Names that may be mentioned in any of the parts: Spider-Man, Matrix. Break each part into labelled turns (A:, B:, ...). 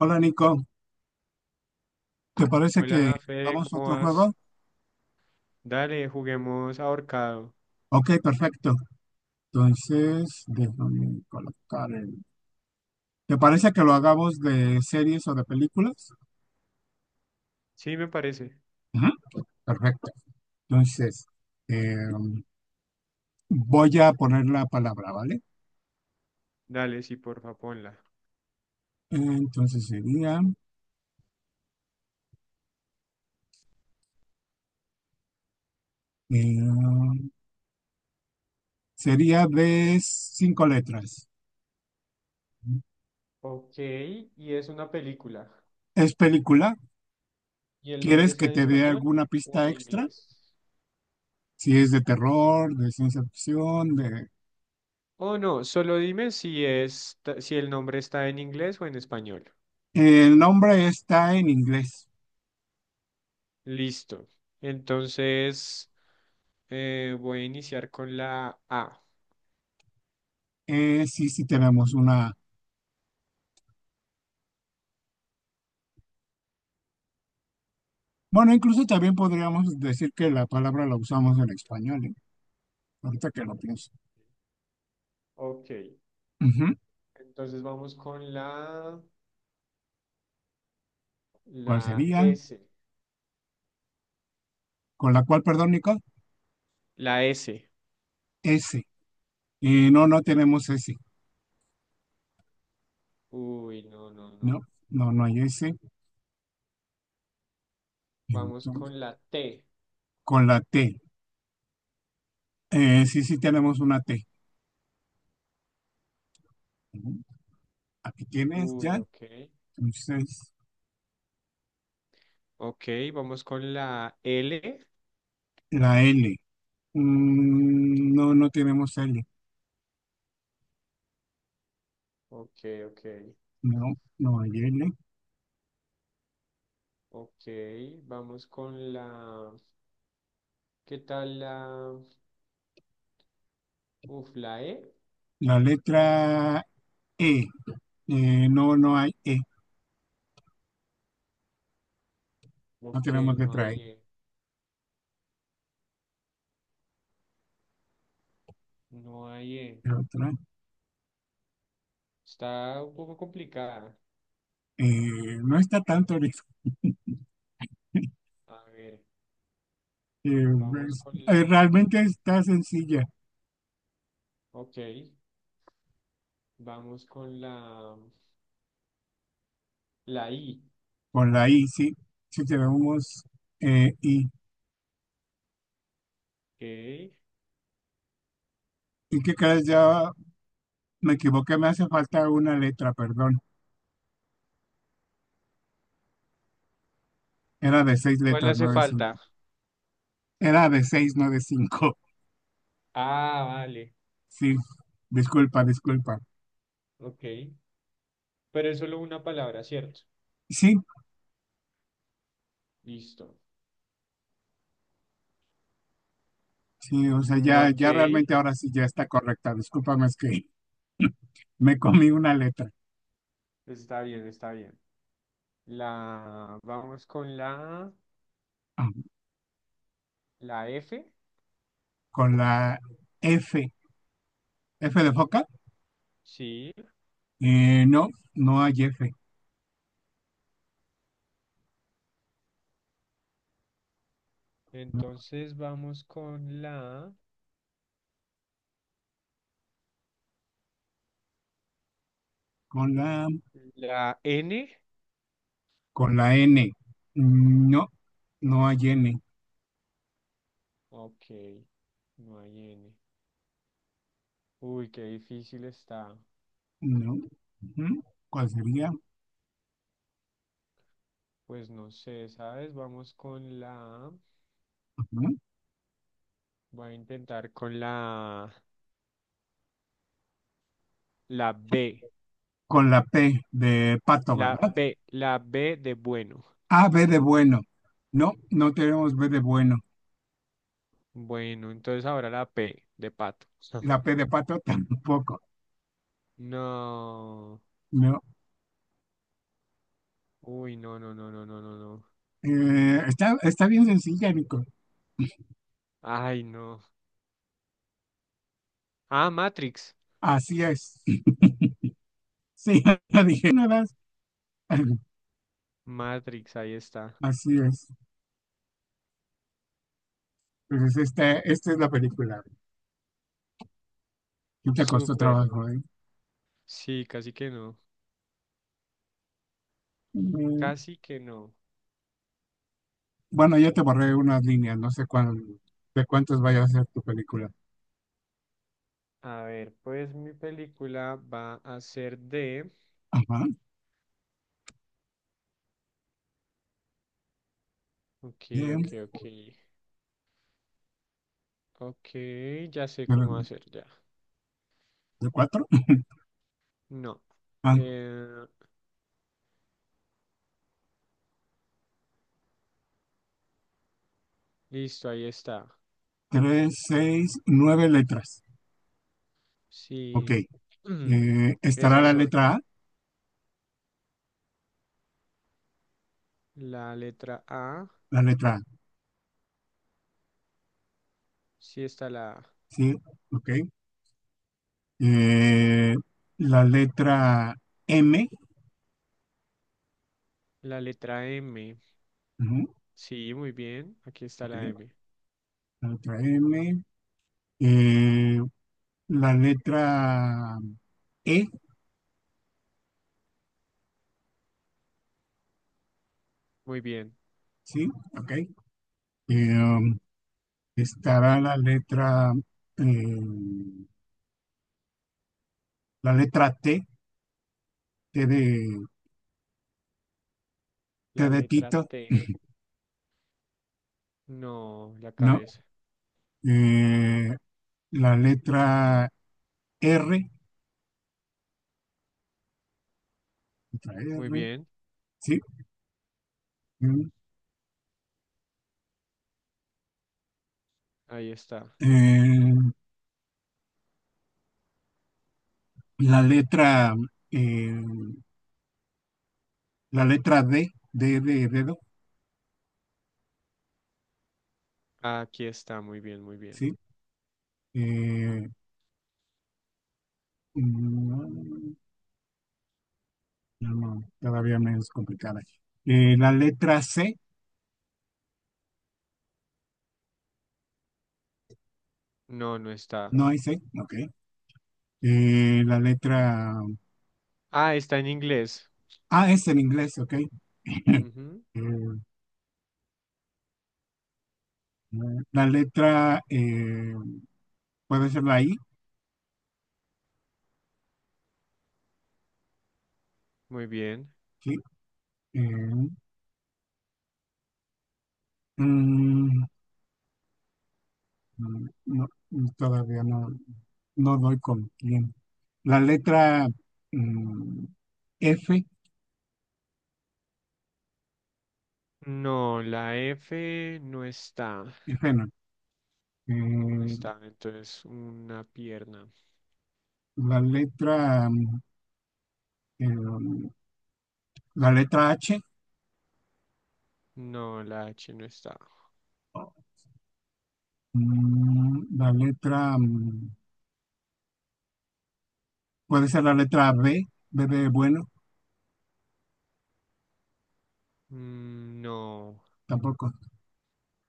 A: Hola Nico, ¿te parece que
B: Hola, Fede,
A: hagamos
B: ¿cómo
A: otro
B: vas?
A: juego?
B: Dale, juguemos ahorcado.
A: Ok, perfecto. Entonces, déjame colocar el. ¿Te parece que lo hagamos de series o de películas?
B: Sí, me parece.
A: Ujú. Perfecto. Entonces, eh, voy a poner la palabra, ¿vale?
B: Dale, sí, porfa, ponla.
A: Entonces eh, sería de cinco letras.
B: Ok, y es una película.
A: ¿Es película?
B: ¿Y el nombre
A: ¿Quieres
B: está
A: que
B: en
A: te dé
B: español
A: alguna
B: o
A: pista
B: en
A: extra?
B: inglés?
A: Si es de terror, de ciencia ficción, de.
B: Oh, no, solo dime si es, si el nombre está en inglés o en español.
A: El nombre está en inglés.
B: Listo. Entonces, voy a iniciar con la A.
A: Sí, sí tenemos una. Bueno, incluso también podríamos decir que la palabra la usamos en español, ¿eh? Ahorita que lo pienso.
B: Ok,
A: Ujú.
B: entonces vamos con
A: ¿Cuál
B: la
A: sería?
B: S.
A: Con la cual, perdón, Nicole,
B: La S.
A: S. No, no tenemos S.
B: Uy, no, no,
A: No,
B: no.
A: no, no hay S.
B: Vamos
A: Entonces,
B: con la T.
A: con la T. Sí, sí tenemos una T. Ujú. Aquí tienes
B: Uy,
A: ya.
B: ok.
A: Entonces,
B: Ok, vamos con la L.
A: la L. No, no tenemos L.
B: Ok, ok.
A: No, no hay L.
B: Ok, vamos con la… ¿Qué tal la… Uf, la E?
A: La letra E. No, no hay E, no
B: Ok,
A: tenemos
B: no
A: letra
B: hay
A: E.
B: E. No hay E.
A: Pero otra,
B: Está un poco complicada.
A: no está tanto ahorita.
B: A ver,
A: eh,
B: vamos
A: es-
B: con
A: eh,
B: la…
A: realmente está sencilla.
B: Ok, vamos con la… La I.
A: Con la I, sí. Si tenemos I.
B: Ok.
A: Y que cada vez ya me equivoqué, me hace falta una letra, perdón. Era de seis
B: ¿Cuál
A: letras,
B: hace
A: no de
B: falta?
A: cinco. Era de seis, no de cinco.
B: Ah, vale.
A: Sí, disculpa, disculpa.
B: Ok. Pero es solo una palabra, ¿cierto?
A: Sí,
B: Listo.
A: sí, o sea,
B: Mm,
A: ya,
B: ok,
A: ya realmente ahora sí ya está correcta. Discúlpame, es que me comí una letra.
B: está bien, está bien. La vamos con
A: Ah.
B: la F.
A: Con la F. F de foca.
B: Sí,
A: No, no hay F. No.
B: entonces vamos con
A: Con la,
B: la N.
A: con la N. No, no hay N.
B: Ok, no hay N. Uy, qué difícil está.
A: No. Ujú. ¿Cuál sería?
B: Pues no sé, ¿sabes? Vamos con la,
A: Ujú.
B: voy a intentar con la B.
A: Con la P de pato,
B: La
A: ¿verdad?
B: B, la B de bueno.
A: A, B de bueno. No, no tenemos B de bueno.
B: Bueno, entonces ahora la P de pato.
A: La P de pato tampoco.
B: No.
A: No.
B: Uy, no, no, no, no, no, no, no.
A: Está bien sencilla, Nico.
B: Ay, no. Ah, Matrix.
A: Así es. Sí, la dije nada más.
B: Matrix, ahí está.
A: Así es. Entonces, esta es la película. ¿Qué te costó
B: Súper.
A: trabajo, eh?
B: Sí, casi que no.
A: Mm.
B: Casi que no.
A: Bueno, ya te borré unas líneas, no sé cuál, de cuántas vaya a ser tu película.
B: A ver, pues mi película va a ser de…
A: Ajá.
B: Ok, ok,
A: De,
B: ok. Ok, ya sé cómo
A: de-
B: hacer ya.
A: de cuatro.
B: No.
A: Ah,
B: Eh, listo, ahí está.
A: tres, seis, nueve letras. Ok.
B: Sí.
A: Estará
B: Esas son. La letra A.
A: la letra A,
B: Sí está la A.
A: sí, ok. Eh, la letra M,
B: La letra M.
A: ujú,
B: Sí, muy bien. Aquí está la
A: ok.
B: M.
A: La letra M. Eh, la letra E,
B: Muy bien.
A: sí, ok. Um, estará eh, la letra T, T de, T
B: La
A: de
B: letra
A: Tito,
B: T. No, la
A: ¿no?
B: cabeza.
A: Eh, la R, letra
B: Muy
A: R,
B: bien.
A: sí.
B: Ahí está.
A: Eh, la letra, eh, la letra D, D de dedo,
B: Aquí está. Muy bien, muy bien.
A: sí. Eh, mm, no, no, todavía menos complicada. La letra C,
B: No, no está.
A: no hay C, ok. La letra
B: Ah, está en inglés.
A: A es en inglés, ok.
B: Ujú.
A: Eh, la letra puede ser la I.
B: Muy bien.
A: Sí, eh, mm, no, todavía no, no doy con quién. La letra mm, F,
B: No, la F no está.
A: F no.
B: No
A: eh,
B: está. Entonces, una pierna.
A: la letra, mm, eh, la letra H,
B: No, la H no está.
A: mm, la letra, mm, puede ser la letra B, B de bueno,
B: Mm, no.
A: tampoco.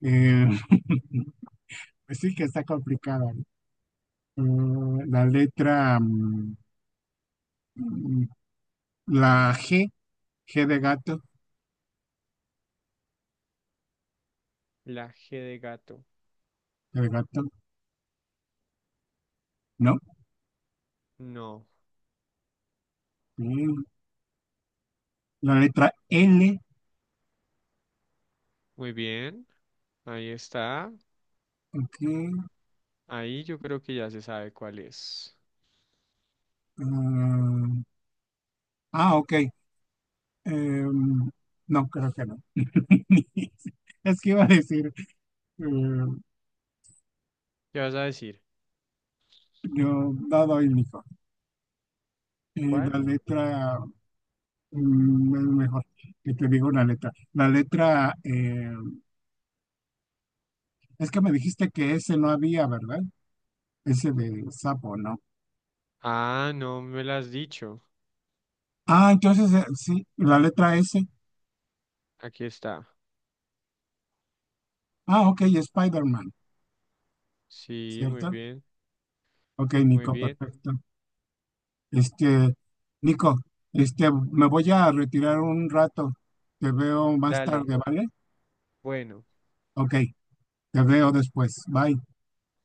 A: Eh, pues sí que está complicada, ¿no? La letra, mm, mm, la G, G de gato.
B: La G de gato.
A: La de gato, no.
B: No.
A: Mm, La letra L,
B: Muy bien. Ahí está.
A: ok.
B: Ahí yo creo que ya se sabe cuál es.
A: ah, ok. Em, no, creo que no. Es que iba a decir, eh,
B: ¿Qué vas a decir?
A: yo no doy hijo. Eh,
B: ¿Cuál?
A: la letra, es mejor que te digo una letra. La letra, es que me dijiste que ese no había, ¿verdad? Ese de sapo, ¿no?
B: Ah, no me lo has dicho.
A: Ah, entonces sí, la letra S.
B: Aquí está.
A: Ah, ok, Spider-Man,
B: Sí, muy
A: ¿cierto?
B: bien,
A: Ok,
B: muy
A: Nico,
B: bien.
A: perfecto. Este, Nico, este, me voy a retirar un rato. Te veo más
B: Dale,
A: tarde, ¿vale?
B: bueno.
A: Ok, te veo después. Bye.